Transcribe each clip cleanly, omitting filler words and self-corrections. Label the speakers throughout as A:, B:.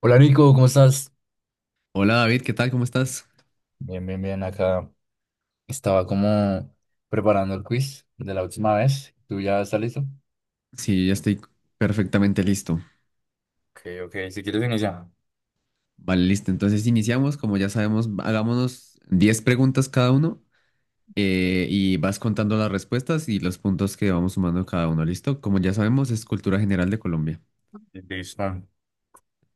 A: Hola Nico, ¿cómo estás?
B: Hola David, ¿qué tal? ¿Cómo estás?
A: Bien, bien, bien. Acá estaba como preparando el quiz de la última vez. ¿Tú ya estás listo?
B: Sí, ya estoy perfectamente listo.
A: Ok, ok. Si quieres iniciar.
B: Vale, listo. Entonces iniciamos, como ya sabemos, hagámonos 10 preguntas cada uno y vas contando las respuestas y los puntos que vamos sumando cada uno. ¿Listo? Como ya sabemos, es cultura general de Colombia.
A: Listo.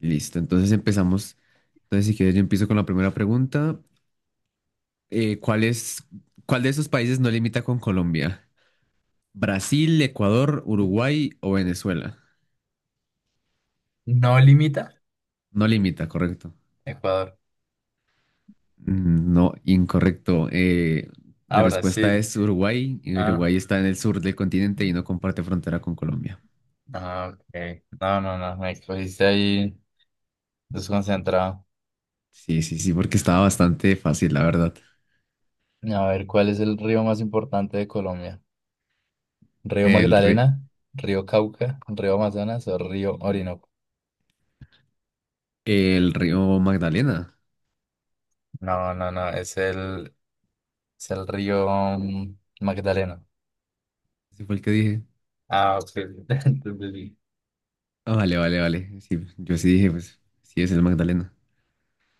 B: Listo, entonces empezamos. Entonces, si quieres, yo empiezo con la primera pregunta. Eh, ¿cuál es, Cuál de esos países no limita con Colombia? ¿Brasil, Ecuador, Uruguay o Venezuela?
A: No limita
B: No limita, correcto.
A: Ecuador
B: No, incorrecto.
A: a
B: La respuesta
A: Brasil.
B: es Uruguay. Y
A: Ah,
B: Uruguay está en el sur del continente y no comparte frontera con Colombia.
A: ah, ok. No, no, no. Me cogiste ahí desconcentrado.
B: Sí, sí, sí, porque estaba bastante fácil, la verdad.
A: A ver, ¿cuál es el río más importante de Colombia? ¿Río
B: El, ri-
A: Magdalena? ¿Río Cauca? ¿Río Amazonas o río Orinoco?
B: el río Magdalena.
A: No, no, no. Es el río Magdalena.
B: Ese fue el que dije.
A: Ah, ok, ya entendí.
B: Ah, vale, vale, vale. Sí, yo sí dije, pues sí es el Magdalena.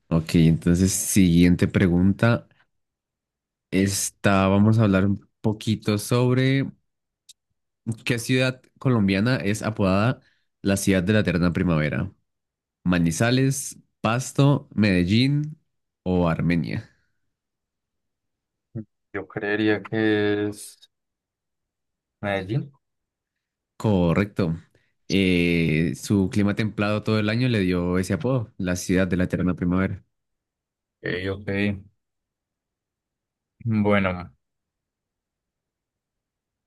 B: Ok, entonces, siguiente pregunta. Esta, vamos a hablar un poquito sobre qué ciudad colombiana es apodada la ciudad de la eterna primavera. Manizales, Pasto, Medellín o Armenia.
A: Yo creería que es Medellín.
B: Correcto. Su clima templado todo el año le dio ese apodo, la ciudad de la eterna primavera.
A: Ok, ok. Bueno,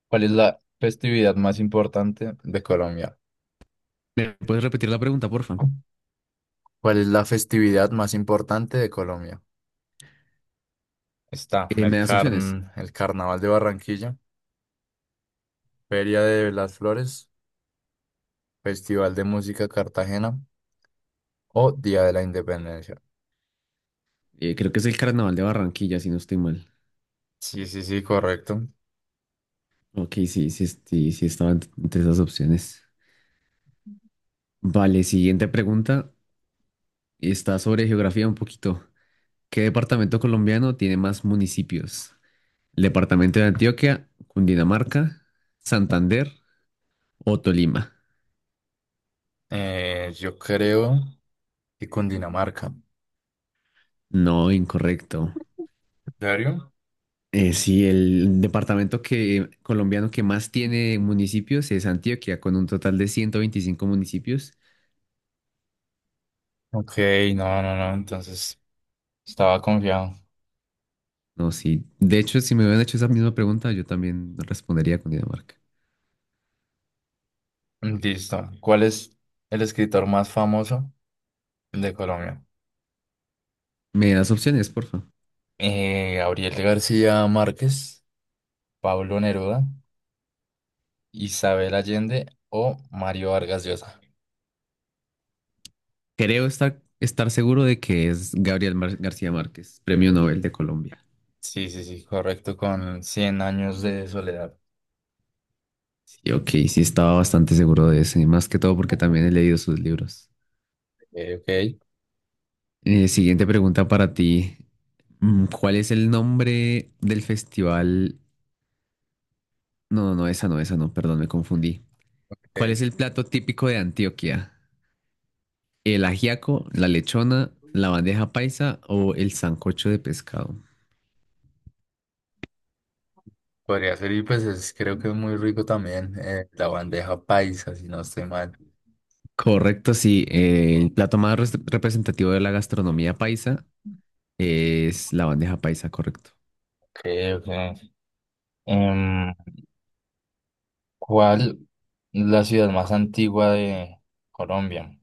A: ¿cuál es la festividad más importante de Colombia?
B: ¿Me puedes repetir la pregunta, porfa?
A: ¿Cuál es la festividad más importante de Colombia? Está
B: ¿Me das opciones?
A: el Carnaval de Barranquilla, Feria de las Flores, Festival de Música Cartagena o Día de la Independencia.
B: Creo que es el Carnaval de Barranquilla, si no estoy mal.
A: Sí, sí, sí, correcto.
B: Ok, sí, sí, sí, sí estaba entre esas opciones. Vale, siguiente pregunta. Está sobre geografía un poquito. ¿Qué departamento colombiano tiene más municipios? El departamento de Antioquia, Cundinamarca, Santander o Tolima.
A: Yo creo que Cundinamarca. ¿En
B: No, incorrecto.
A: serio?
B: Sí, el departamento colombiano que más tiene municipios es Antioquia, con un total de 125 municipios.
A: Ok, no, no, no. Entonces estaba confiado.
B: No, sí. De hecho, si me hubieran hecho esa misma pregunta, yo también respondería Cundinamarca.
A: Listo. ¿Cuál es el escritor más famoso de Colombia?
B: ¿Me das opciones, porfa?
A: Gabriel García Márquez, Pablo Neruda, Isabel Allende o Mario Vargas Llosa.
B: Creo estar seguro de que es Gabriel García Márquez, Premio Nobel de Colombia.
A: Sí, sí, sí, correcto, con cien años de soledad.
B: Sí, ok, sí estaba bastante seguro de eso, y más que todo porque también he leído sus libros.
A: Ok,
B: Siguiente pregunta para ti. ¿Cuál es el nombre del festival? No, no, no, esa no, esa no, perdón, me confundí. ¿Cuál
A: ok.
B: es el plato típico de Antioquia? ¿El ajiaco, la lechona, la bandeja paisa o el sancocho de pescado?
A: Podría ser, y pues creo que es muy rico también la bandeja paisa, si no estoy mal.
B: Correcto, sí. El plato más representativo de la gastronomía paisa es la bandeja paisa, correcto.
A: Ok, ok. Em, ¿Cuál es la ciudad más antigua de Colombia?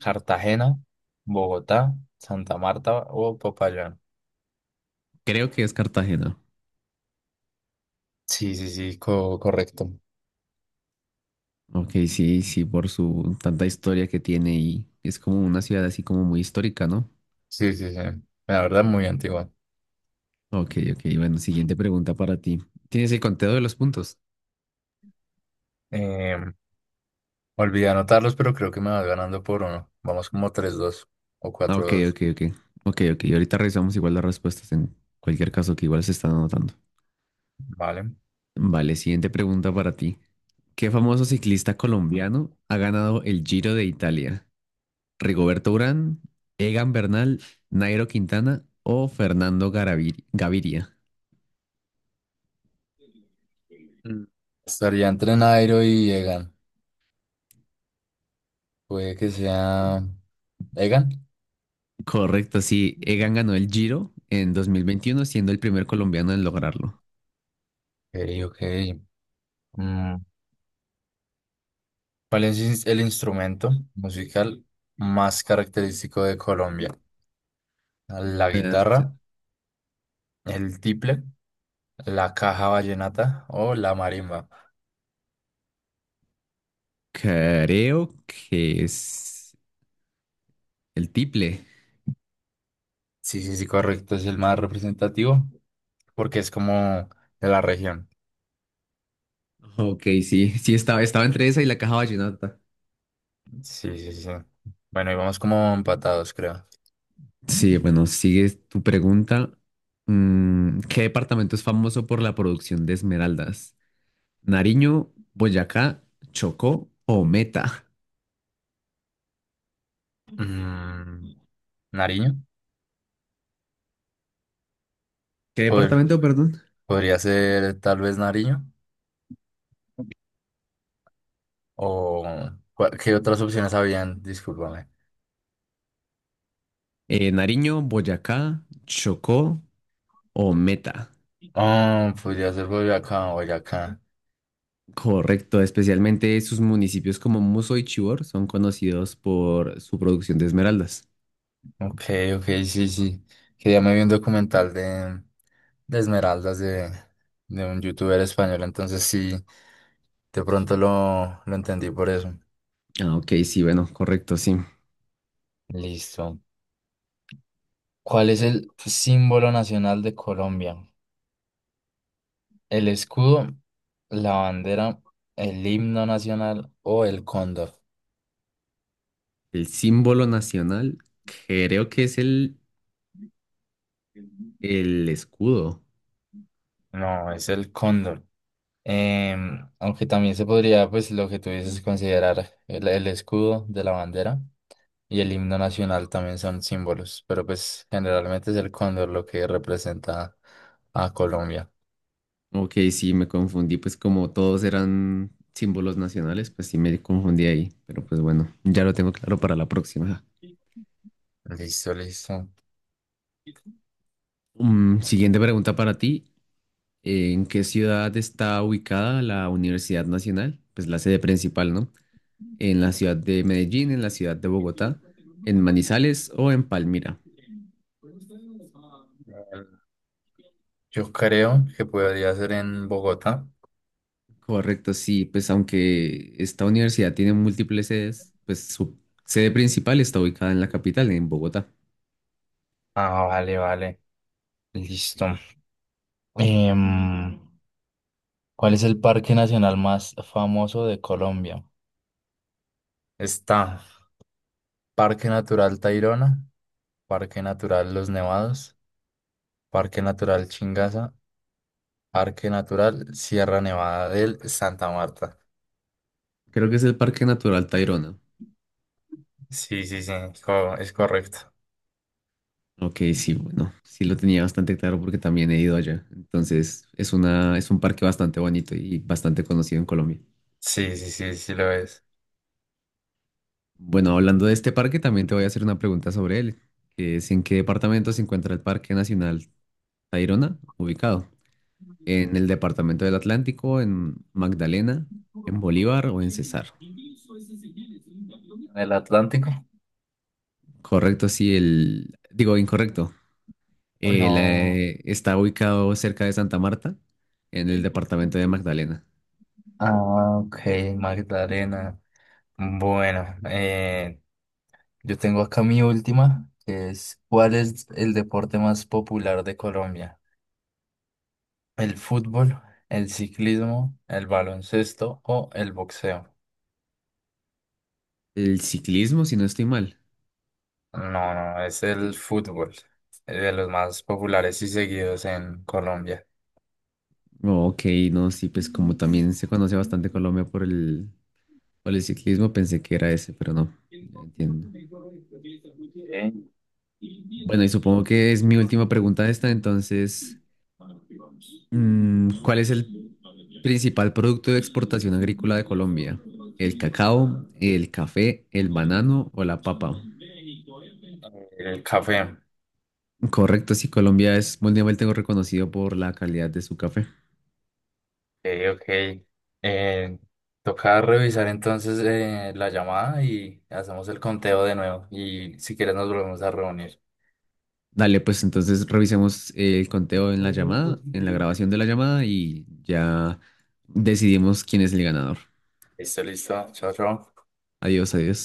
A: Cartagena, Bogotá, Santa Marta o Popayán.
B: Creo que es Cartagena.
A: Sí, sí, sí, correcto.
B: Ok, sí, sí, por su tanta historia que tiene y es como una ciudad así como muy histórica, ¿no?
A: Sí, sí, sí. La verdad, muy antigua.
B: Ok, ok. Bueno, siguiente pregunta para ti. ¿Tienes el conteo de los puntos?
A: Eh, Olvidé anotarlos, pero creo que me vas ganando por uno. Vamos como 3-2 o
B: Ah,
A: cuatro
B: ok,
A: dos,
B: ok, ok. Ok, ok. Ahorita revisamos igual las respuestas en cualquier caso que igual se están anotando.
A: Vale.
B: Vale, siguiente pregunta para ti. ¿Qué famoso ciclista colombiano ha ganado el Giro de Italia? ¿Rigoberto Urán, Egan Bernal, Nairo Quintana o Fernando Gaviria?
A: Mm. Estaría entre Nairo y Egan. Puede que sea Egan.
B: Correcto, sí, Egan ganó el Giro en 2021, siendo el primer colombiano en lograrlo.
A: Ok, ok. Mm, ¿Cuál es el instrumento musical más característico de Colombia? ¿La
B: Eh,
A: guitarra, el tiple, la caja vallenata o la marimba?
B: Creo que es el tiple.
A: Sí, sí, sí, correcto. Es el más representativo porque es como de la región.
B: Ok, sí, sí, estaba entre esa y la caja vallenata.
A: Sí, sí, sí. Bueno, y vamos como empatados, creo.
B: Sí, bueno, sigue tu pregunta. ¿Qué departamento es famoso por la producción de esmeraldas? ¿Nariño, Boyacá, Chocó o Meta?
A: Mm, ¿Nariño?
B: ¿Qué
A: Pod-
B: departamento, perdón?
A: Podría ser tal vez Nariño o ¿qué otras opciones habían? Discúlpame.
B: Nariño, Boyacá, Chocó o Meta.
A: Oh, podría ser Boyacá, Boyacá.
B: Correcto, especialmente sus municipios como Muso y Chivor son conocidos por su producción de esmeraldas.
A: Ok, ok, sí, sí. Que ya me vi un documental de, de Esmeraldas de un youtuber español, entonces sí, de pronto lo entendí por eso.
B: Ah, ok, sí, bueno, correcto, sí.
A: Listo. ¿Cuál es el símbolo nacional de Colombia? ¿El escudo, la bandera, el himno nacional o el cóndor?
B: El símbolo nacional creo que es el escudo.
A: No, es el cóndor. Aunque también se podría, pues lo que tú dices, considerar el escudo de la bandera. Y el himno nacional también son símbolos, pero pues generalmente es el cóndor lo que representa a Colombia.
B: Ok, sí, me confundí, pues como todos eran símbolos nacionales, pues sí me confundí ahí, pero pues bueno, ya lo tengo claro para la próxima.
A: Listo, listo.
B: Siguiente pregunta para ti. ¿En qué ciudad está ubicada la Universidad Nacional? Pues la sede principal, ¿no? ¿En la ciudad de Medellín, en la ciudad de Bogotá, en Manizales o en Palmira?
A: Yo creo que podría ser en Bogotá.
B: Correcto, sí, pues aunque esta universidad tiene múltiples sedes, pues su sede principal está ubicada en la capital, en Bogotá.
A: Ah, vale, vale. Listo. Em, ¿Cuál es el parque nacional más famoso de Colombia? Está Parque Natural Tayrona, Parque Natural Los Nevados, Parque Natural Chingaza, Parque Natural Sierra Nevada del Santa Marta.
B: Creo que es el Parque Natural Tayrona.
A: Sí, sí, sí, es correcto.
B: Ok, sí, bueno, sí lo tenía bastante claro porque también he ido allá. Entonces, es un parque bastante bonito y bastante conocido en Colombia.
A: Sí, sí, sí, sí lo es.
B: Bueno, hablando de este parque, también te voy a hacer una pregunta sobre él, que es ¿en qué departamento se encuentra el Parque Nacional Tayrona ubicado? ¿En el departamento del Atlántico, en Magdalena, en Bolívar o en Cesar?
A: ¿El Atlántico?
B: Correcto, sí, el, digo, Incorrecto.
A: No.
B: Está ubicado cerca de Santa Marta, en el departamento de Magdalena.
A: Ah, ok, Magdalena. Bueno, yo tengo acá mi última, que es ¿cuál es el deporte más popular de Colombia? ¿El fútbol, el ciclismo, el baloncesto o el boxeo?
B: El ciclismo, si no estoy mal.
A: No, no, es el fútbol, de los más populares y seguidos en Colombia.
B: Oh, Ok, no, sí, pues como también se conoce bastante Colombia por el ciclismo, pensé que era ese, pero no, ya entiendo.
A: Ok. Y empieza
B: Bueno,
A: a
B: y supongo
A: Y
B: que
A: después
B: es
A: se
B: mi
A: lo pasa
B: última
A: por los
B: pregunta
A: demás.
B: esta,
A: Es así.
B: entonces,
A: Para que vamos. No hay
B: ¿cuál es el
A: que para el
B: principal producto de exportación agrícola de Colombia? ¿El cacao, el café, el
A: no.
B: banano o la papa?
A: El café.
B: Correcto, sí, Colombia es mundialmente reconocido por la calidad de su café.
A: Ok. Eh, Toca revisar entonces la llamada y hacemos el conteo de nuevo. Y si quieres nos volvemos a reunir.
B: Dale, pues entonces revisemos el conteo en la llamada, en la grabación de la llamada y ya decidimos quién es el ganador.
A: Listo, listo. Chao, chao.
B: Adiós, adiós.